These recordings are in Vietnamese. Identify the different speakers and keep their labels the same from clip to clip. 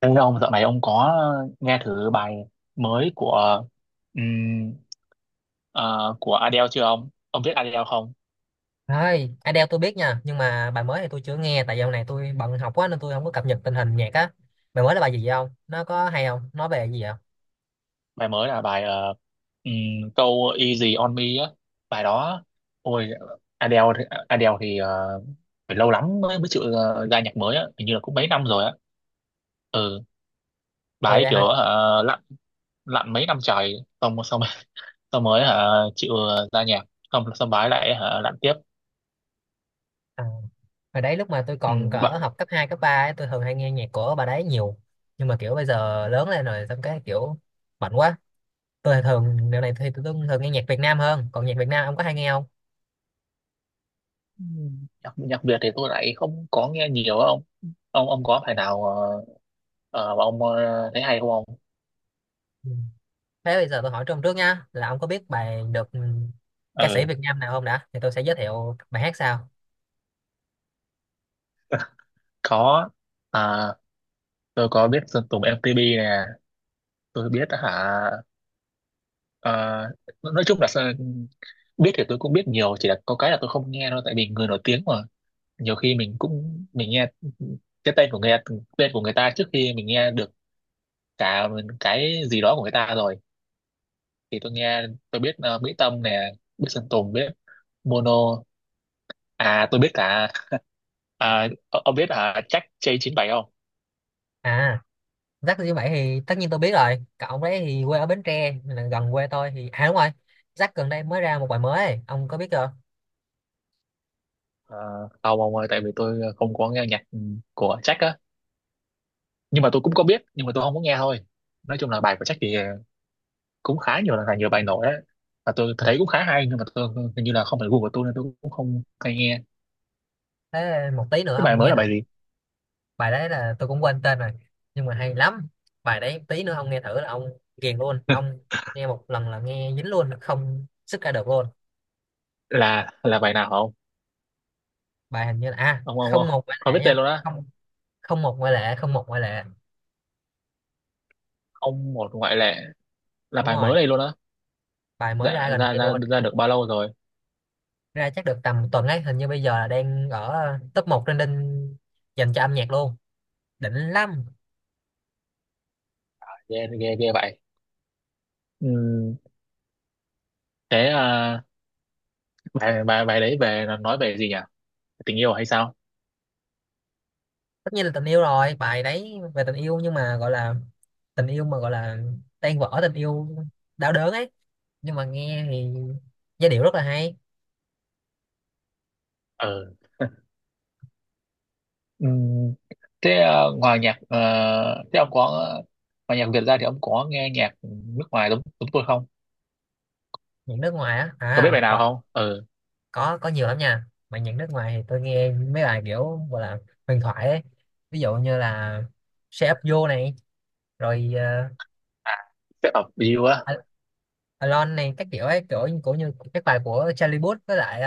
Speaker 1: Thế ông dạo này ông có nghe thử bài mới của ừm, của Adele chưa ông? Ông biết Adele không?
Speaker 2: Thôi, Adele tôi biết nha, nhưng mà bài mới thì tôi chưa nghe tại dạo này tôi bận học quá nên tôi không có cập nhật tình hình nhạc á. Bài mới là bài gì vậy không? Nó có hay không? Nói về gì vậy?
Speaker 1: Bài mới là bài ừm, câu Easy on Me á. Bài đó ôi Adele thì phải lâu lắm mới mới chịu ra nhạc mới á, hình như là cũng mấy năm rồi á. Ừ, bà
Speaker 2: Hồi
Speaker 1: ấy
Speaker 2: đây
Speaker 1: kiểu
Speaker 2: hồi
Speaker 1: lặn lặn mấy năm trời xong xong xong mới hả chịu ra nhạc xong xong bà ấy lại hả lặn tiếp.
Speaker 2: à, Hồi đấy lúc mà tôi
Speaker 1: Ừ,
Speaker 2: còn cỡ học cấp 2 cấp 3 ấy, tôi thường hay nghe nhạc của bà đấy nhiều. Nhưng mà kiểu bây giờ lớn lên rồi xong cái kiểu bận quá. Tôi thì thường dạo này thì tôi thường nghe nhạc Việt Nam hơn, còn nhạc Việt Nam ông có hay nghe không?
Speaker 1: ừ, nhạc nhạc Việt thì tôi lại không có nghe nhiều á ông. Ông có phải nào mà ông thấy hay không ông?
Speaker 2: Ừ. Thế bây giờ tôi hỏi trong trước nha, là ông có biết bài được ca sĩ
Speaker 1: Ừ,
Speaker 2: Việt Nam nào không đã? Thì tôi sẽ giới thiệu bài hát sau.
Speaker 1: có, à, tôi có biết Sơn Tùng MTP nè, tôi biết hả. ờ, nói chung là biết thì tôi cũng biết nhiều, chỉ là có cái là tôi không nghe thôi, tại vì người nổi tiếng mà nhiều khi mình cũng mình nghe cái tên của người, tên của người ta trước khi mình nghe được cả cái gì đó của người ta rồi thì tôi nghe. Tôi biết Mỹ Tâm nè, biết Sơn Tùng, biết Mono. À tôi biết cả. À, ông biết à Jack j chín bảy không?
Speaker 2: À, Rắc như vậy thì tất nhiên tôi biết rồi, cậu ông đấy thì quê ở Bến Tre nên là gần quê tôi, thì à đúng rồi. Rắc gần đây mới ra một bài mới ấy. Ông có biết chưa?
Speaker 1: À, không ông ơi, tại vì tôi không có nghe nhạc của Jack á. Nhưng mà tôi cũng có biết, nhưng mà tôi không có nghe thôi. Nói chung là bài của Jack thì cũng khá nhiều, là nhiều bài nổi á, và tôi
Speaker 2: Ừ.
Speaker 1: thấy cũng khá hay, nhưng mà tôi hình như là không phải gu của tôi nên tôi cũng không hay nghe.
Speaker 2: Thế một tí nữa
Speaker 1: Cái bài
Speaker 2: ông
Speaker 1: mới
Speaker 2: nghe
Speaker 1: là bài
Speaker 2: thử,
Speaker 1: gì?
Speaker 2: bài đấy là tôi cũng quên tên rồi nhưng mà hay lắm. Bài đấy tí nữa ông nghe thử là ông ghiền luôn ông, nghe một lần là nghe dính luôn không sức ra được luôn.
Speaker 1: Là bài nào không
Speaker 2: Bài hình như là, à
Speaker 1: ông? ông
Speaker 2: không,
Speaker 1: ông
Speaker 2: một ngoại
Speaker 1: không biết
Speaker 2: lệ
Speaker 1: tên
Speaker 2: nha,
Speaker 1: luôn á?
Speaker 2: không không một ngoại lệ, không một ngoại lệ.
Speaker 1: Không một ngoại lệ là
Speaker 2: Đúng
Speaker 1: bài
Speaker 2: rồi,
Speaker 1: mới đây luôn á?
Speaker 2: bài mới
Speaker 1: Dạ,
Speaker 2: ra gần
Speaker 1: ra
Speaker 2: đây
Speaker 1: ra
Speaker 2: luôn.
Speaker 1: ra được bao lâu rồi?
Speaker 2: Ra chắc được tầm tuần ấy, hình như bây giờ là đang ở top 1 trending dành cho âm nhạc luôn, định lắm.
Speaker 1: Ghê ghê ghê vậy. Ừm, thế à, bài bài bài đấy về là nói về gì nhỉ, tình yêu hay sao?
Speaker 2: Tất nhiên là tình yêu rồi, bài đấy về tình yêu nhưng mà gọi là tình yêu mà gọi là tan vỡ tình yêu, đau đớn ấy, nhưng mà nghe thì giai điệu rất là hay.
Speaker 1: Ừ, ừm, thế à, ngoài nhạc thế ông có, ngoài nhạc Việt ra thì ông có nghe nhạc nước ngoài giống chúng tôi không,
Speaker 2: Những nước ngoài á,
Speaker 1: có biết
Speaker 2: à
Speaker 1: bài nào
Speaker 2: hồi,
Speaker 1: không? Ừ,
Speaker 2: có nhiều lắm nha, mà những nước ngoài thì tôi nghe mấy bài kiểu gọi là huyền thoại ấy, ví dụ như là Shape Up You này, rồi
Speaker 1: à, Step Up You á.
Speaker 2: Al-, Alone này, các kiểu ấy, kiểu như cũng như các bài của Charlie Puth với lại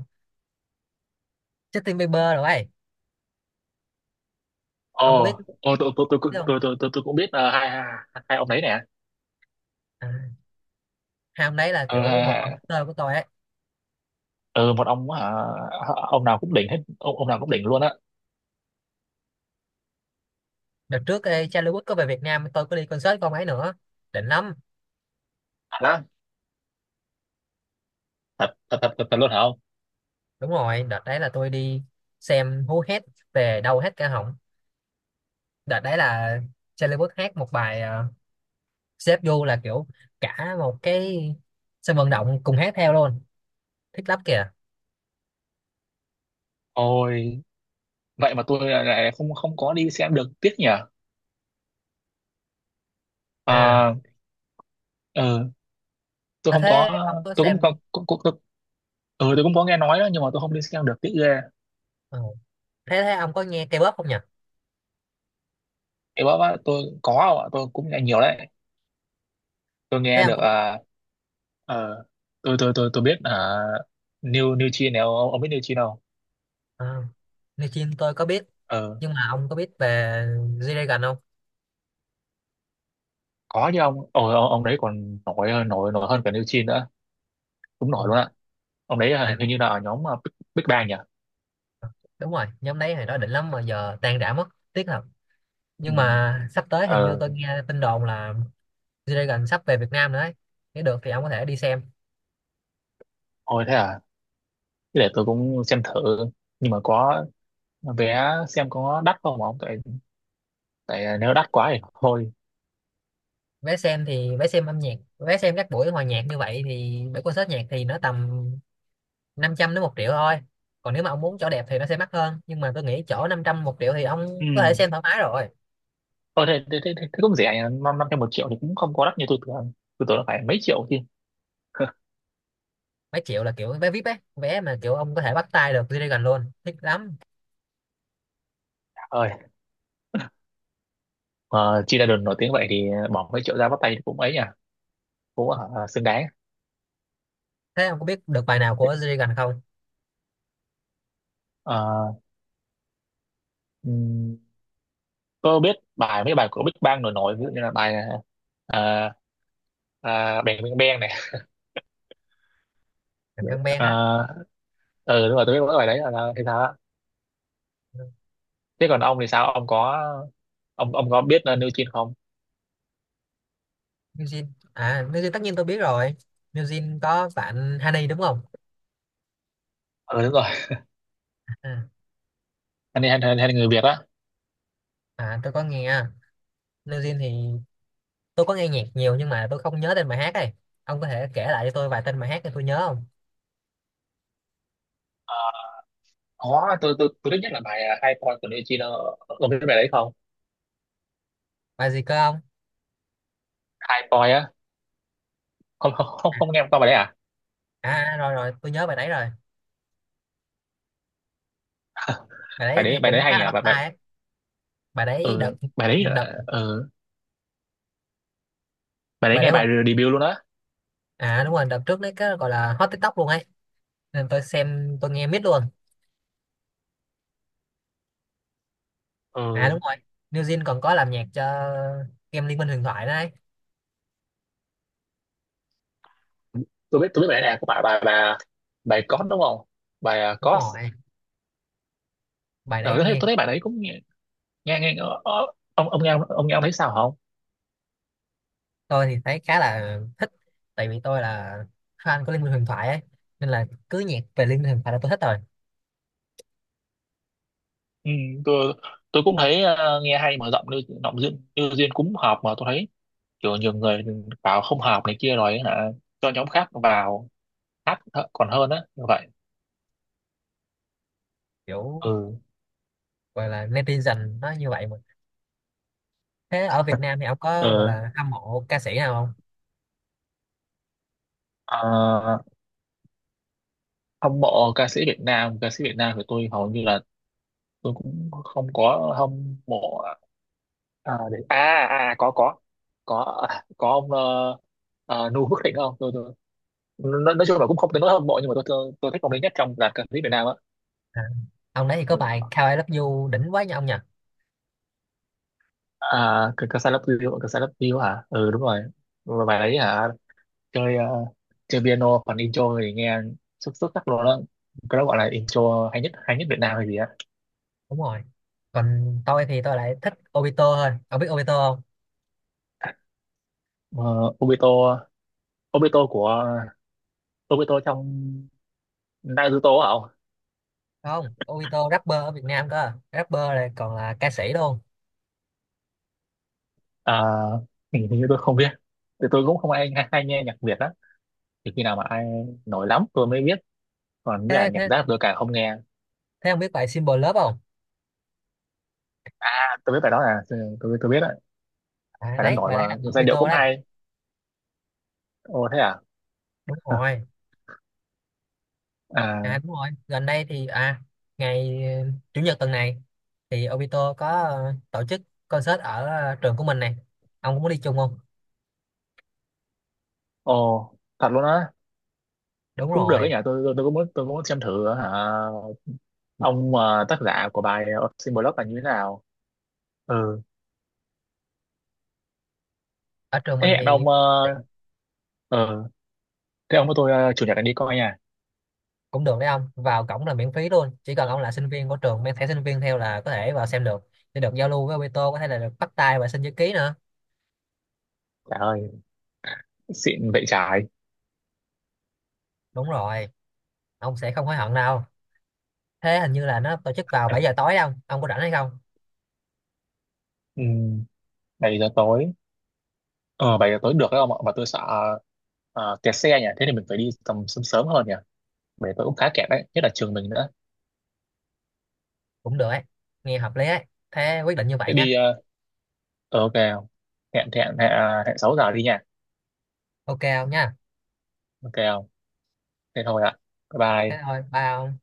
Speaker 2: Justin Bieber rồi ấy.
Speaker 1: Ồ,
Speaker 2: Ông có biết,
Speaker 1: ồ, tôi tôi tôi
Speaker 2: biết không?
Speaker 1: tôi tôi tôi tôi cũng biết hai hai hai ông đấy nè.
Speaker 2: À, hai ông đấy là
Speaker 1: Ừ,
Speaker 2: kiểu một phần của tôi ấy.
Speaker 1: ừ một ông hả, ông nào cũng đỉnh hết, ông nào cũng đỉnh luôn á.
Speaker 2: Đợt trước, ê, Charlie Puth có về Việt Nam, tôi có đi concert con ấy nữa, đỉnh lắm.
Speaker 1: Thật á? Thật thật thật thật thật luôn hả?
Speaker 2: Đúng rồi, đợt đấy là tôi đi xem hú hét về đau hết cả họng. Đợt đấy là Charlie Puth hát một bài Save You, là kiểu cả một cái sân vận động cùng hát theo luôn, thích lắm kìa.
Speaker 1: Ôi, vậy mà tôi lại lại không không có đi xem được, tiếc nhỉ.
Speaker 2: À,
Speaker 1: À, ờ, tôi
Speaker 2: à,
Speaker 1: không
Speaker 2: thế
Speaker 1: có,
Speaker 2: ông có
Speaker 1: tôi cũng có
Speaker 2: xem?
Speaker 1: cũng, cũng, tôi, ừ, tôi cũng có nghe nói đó, nhưng mà tôi không đi xem được, tiếc ghê.
Speaker 2: Ờ, thế thế ông có nghe K-pop không nhỉ?
Speaker 1: Thì bác tôi có không ạ? Tôi cũng nghe nhiều đấy. Tôi
Speaker 2: Thế
Speaker 1: nghe
Speaker 2: ông
Speaker 1: được
Speaker 2: có biết,
Speaker 1: à ờ, tôi biết à New New Chin này ông biết New Chin không?
Speaker 2: à, New Jeans tôi có biết,
Speaker 1: Ờ,
Speaker 2: nhưng mà ông có biết về G-Dragon không?
Speaker 1: có chứ ông. Ồ, ông đấy còn nổi hơn- nổi nổi hơn cả New Chin nữa. Đúng
Speaker 2: Ừ,
Speaker 1: nổi luôn ạ. Ông đấy
Speaker 2: tại
Speaker 1: hình
Speaker 2: vì
Speaker 1: hình như là ở nhóm à, Big Bang nhỉ.
Speaker 2: ờ, đúng rồi, nhóm đấy hồi đó đỉnh lắm mà giờ tan rã mất, tiếc thật.
Speaker 1: Ừ.
Speaker 2: Nhưng mà sắp tới hình như
Speaker 1: Ờ,
Speaker 2: tôi nghe tin đồn là G-Dragon sắp về Việt Nam nữa ấy. Nếu được thì ông có thể đi xem.
Speaker 1: thôi thế à. Thế để tôi cũng xem thử, nhưng mà có vé xem có đắt không ông, tại tại nếu đắt quá thì thôi.
Speaker 2: Vé xem thì vé xem âm nhạc, vé xem các buổi hòa nhạc như vậy thì buổi concert nhạc thì nó tầm 500 đến một triệu thôi. Còn nếu mà ông muốn chỗ đẹp thì nó sẽ mắc hơn, nhưng mà tôi nghĩ chỗ năm trăm một triệu thì ông
Speaker 1: Ừ,
Speaker 2: có thể xem thoải mái rồi.
Speaker 1: ờ, thế cũng rẻ nhỉ, năm năm trăm một triệu thì cũng không có đắt như tôi tưởng, tôi tưởng là phải mấy triệu chứ.
Speaker 2: Mấy triệu là kiểu vé VIP ấy, vé mà kiểu ông có thể bắt tay được G-Dragon luôn, thích lắm.
Speaker 1: Ơi, mà chi ra đường nổi tiếng vậy thì bỏ mấy triệu ra bắt tay thì cũng ấy nhỉ, cũng xứng đáng.
Speaker 2: Thế ông có biết được bài nào của G-Dragon không?
Speaker 1: Ờ, ừm, có biết bài mấy bài của Big Bang nổi nổi ví dụ như là bài à, à, Bang Bang Bang này.
Speaker 2: Được, Ben Ben á.
Speaker 1: Ờ, ừ đúng rồi, tôi biết mỗi bài đấy, là thế sao á. Thế còn ông thì sao, ông có, ông có biết New Jeans không?
Speaker 2: New Jeans à, New Jeans tất nhiên tôi biết rồi. New Jeans có bạn Honey đúng không?
Speaker 1: Ừ, đúng rồi,
Speaker 2: À.
Speaker 1: anh hay hay người Việt á.
Speaker 2: À tôi có nghe, New Jeans thì tôi có nghe nhạc nhiều nhưng mà tôi không nhớ tên bài hát ấy. Ông có thể kể lại cho tôi vài tên bài hát để tôi nhớ không?
Speaker 1: Ờ, có, tôi thích nhất là bài à, High Point của Nechino, ông biết bài đấy không?
Speaker 2: Bài gì cơ ông?
Speaker 1: High Point á, không nghe qua bài đấy à.
Speaker 2: À à, rồi rồi tôi nhớ bài đấy rồi. Bài đấy
Speaker 1: bài đấy
Speaker 2: nghe
Speaker 1: bài đấy
Speaker 2: cũng
Speaker 1: hay
Speaker 2: khá
Speaker 1: nhỉ,
Speaker 2: là bắt
Speaker 1: bài bài
Speaker 2: tai ấy. Bài đấy
Speaker 1: ừ,
Speaker 2: đợt
Speaker 1: bài đấy là,
Speaker 2: đợt
Speaker 1: ừ, bài đấy
Speaker 2: bài
Speaker 1: nghe
Speaker 2: đấy một
Speaker 1: bài debut luôn á.
Speaker 2: à đúng rồi, đợt trước đấy cái gọi là hot TikTok luôn ấy. Nên tôi xem tôi nghe miết luôn. À
Speaker 1: Ừ,
Speaker 2: đúng rồi. New Jeans còn có làm nhạc cho game Liên minh huyền thoại đấy.
Speaker 1: tôi biết bài này của bà bài Cos đúng không, bài à,
Speaker 2: Đúng
Speaker 1: Cos.
Speaker 2: rồi. Bài
Speaker 1: Ờ,
Speaker 2: đấy
Speaker 1: tôi thấy
Speaker 2: nghe,
Speaker 1: tôi thấy bài đấy cũng nghe nghe ông nghe, ông ông thấy sao không?
Speaker 2: tôi thì thấy khá là thích tại vì tôi là fan của Liên minh huyền thoại ấy. Nên là cứ nhạc về Liên minh huyền thoại là tôi thích rồi.
Speaker 1: Ừ, tôi cũng thấy nghe hay mở rộng, như giọng duyên như duyên cũng hợp, mà tôi thấy kiểu nhiều người bảo không hợp này kia rồi ấy hả, cho nhóm khác vào còn hơn á như vậy.
Speaker 2: Kiểu
Speaker 1: Ừ,
Speaker 2: gọi là netizen nó như vậy mà. Thế ở Việt Nam thì ông
Speaker 1: ừ,
Speaker 2: có gọi là hâm mộ ca sĩ nào không?
Speaker 1: à, hâm mộ ca sĩ Việt Nam, ca sĩ Việt Nam của tôi hầu như là tôi cũng không có hâm mộ. À, để... à, à có, có à, có ông à, Nu Phước Thịnh không, tôi, tôi nói, chung là cũng không tới nỗi hâm mộ, nhưng mà tôi thích ông đấy nhất trong dàn ca sĩ Việt Nam á.
Speaker 2: À, ông đấy thì có
Speaker 1: Ừ.
Speaker 2: bài How I Love You đỉnh quá nha ông nhỉ.
Speaker 1: À cái ca sĩ Love You, ca sĩ Love You hả ừ đúng rồi. Và bài đấy hả chơi chơi piano còn intro thì nghe xuất xuất sắc luôn đó, cái đó gọi là intro hay nhất, hay nhất Việt Nam hay gì á.
Speaker 2: Đúng rồi, còn tôi thì tôi lại thích Obito thôi, ông biết Obito không?
Speaker 1: Ờ, Obito, Obito của Obito trong Naruto á không?
Speaker 2: Không, Obito rapper ở Việt Nam cơ, rapper này còn là ca sĩ luôn.
Speaker 1: À, hình hình như tôi không biết thì tôi cũng không ai hay, hay nghe nhạc Việt á, thì khi nào mà ai nổi lắm tôi mới biết, còn với cả
Speaker 2: thế
Speaker 1: nhạc
Speaker 2: thế
Speaker 1: rap tôi càng không nghe.
Speaker 2: thế ông biết bài Symbol Love không?
Speaker 1: À, tôi biết bài đó, là tôi biết đấy,
Speaker 2: À,
Speaker 1: bài đó
Speaker 2: đấy
Speaker 1: nổi
Speaker 2: bài đấy là
Speaker 1: mà
Speaker 2: của
Speaker 1: giai điệu
Speaker 2: Obito
Speaker 1: cũng
Speaker 2: đấy.
Speaker 1: hay. Ồ thế à.
Speaker 2: Đúng rồi. À
Speaker 1: À
Speaker 2: đúng rồi gần đây thì à, ngày chủ nhật tuần này thì Obito có tổ chức concert ở trường của mình này, ông cũng muốn đi chung không?
Speaker 1: ồ, thật luôn á,
Speaker 2: Đúng
Speaker 1: cũng được cái
Speaker 2: rồi,
Speaker 1: nhà tôi cũng muốn, cũng muốn xem thử hả. Ông tác giả của bài Sinh Blog là như thế nào? Ừ,
Speaker 2: ở trường
Speaker 1: thế
Speaker 2: mình
Speaker 1: hẹn
Speaker 2: thì
Speaker 1: ông ờ, thế ông với tôi chủ nhật anh đi coi nha.
Speaker 2: cũng được đấy, ông vào cổng là miễn phí luôn, chỉ cần ông là sinh viên của trường mang thẻ sinh viên theo là có thể vào xem được, để được giao lưu với Obito, có thể là được bắt tay và xin chữ ký nữa.
Speaker 1: Trời ơi, xịn vậy trái.
Speaker 2: Đúng rồi, ông sẽ không hối hận đâu. Thế hình như là nó tổ chức vào 7 giờ tối không ông? Ông có rảnh hay không?
Speaker 1: Ừ, 7 giờ tối, ờ 7 giờ tối được đấy ông ạ, mà tôi sợ kẹt xe nhỉ, thế thì mình phải đi tầm sớm sớm hơn nhỉ. 7 giờ tối cũng khá kẹt đấy, nhất là trường mình nữa.
Speaker 2: Cũng được ấy, nghe hợp lý ấy, thế quyết định như
Speaker 1: Thế
Speaker 2: vậy nhá.
Speaker 1: đi ok không? Hẹn hẹn hẹn à, hẹn 6 giờ đi nha.
Speaker 2: Ok ông nha,
Speaker 1: Ok không? Thế thôi ạ, bye
Speaker 2: thế
Speaker 1: bye.
Speaker 2: thôi bye ông.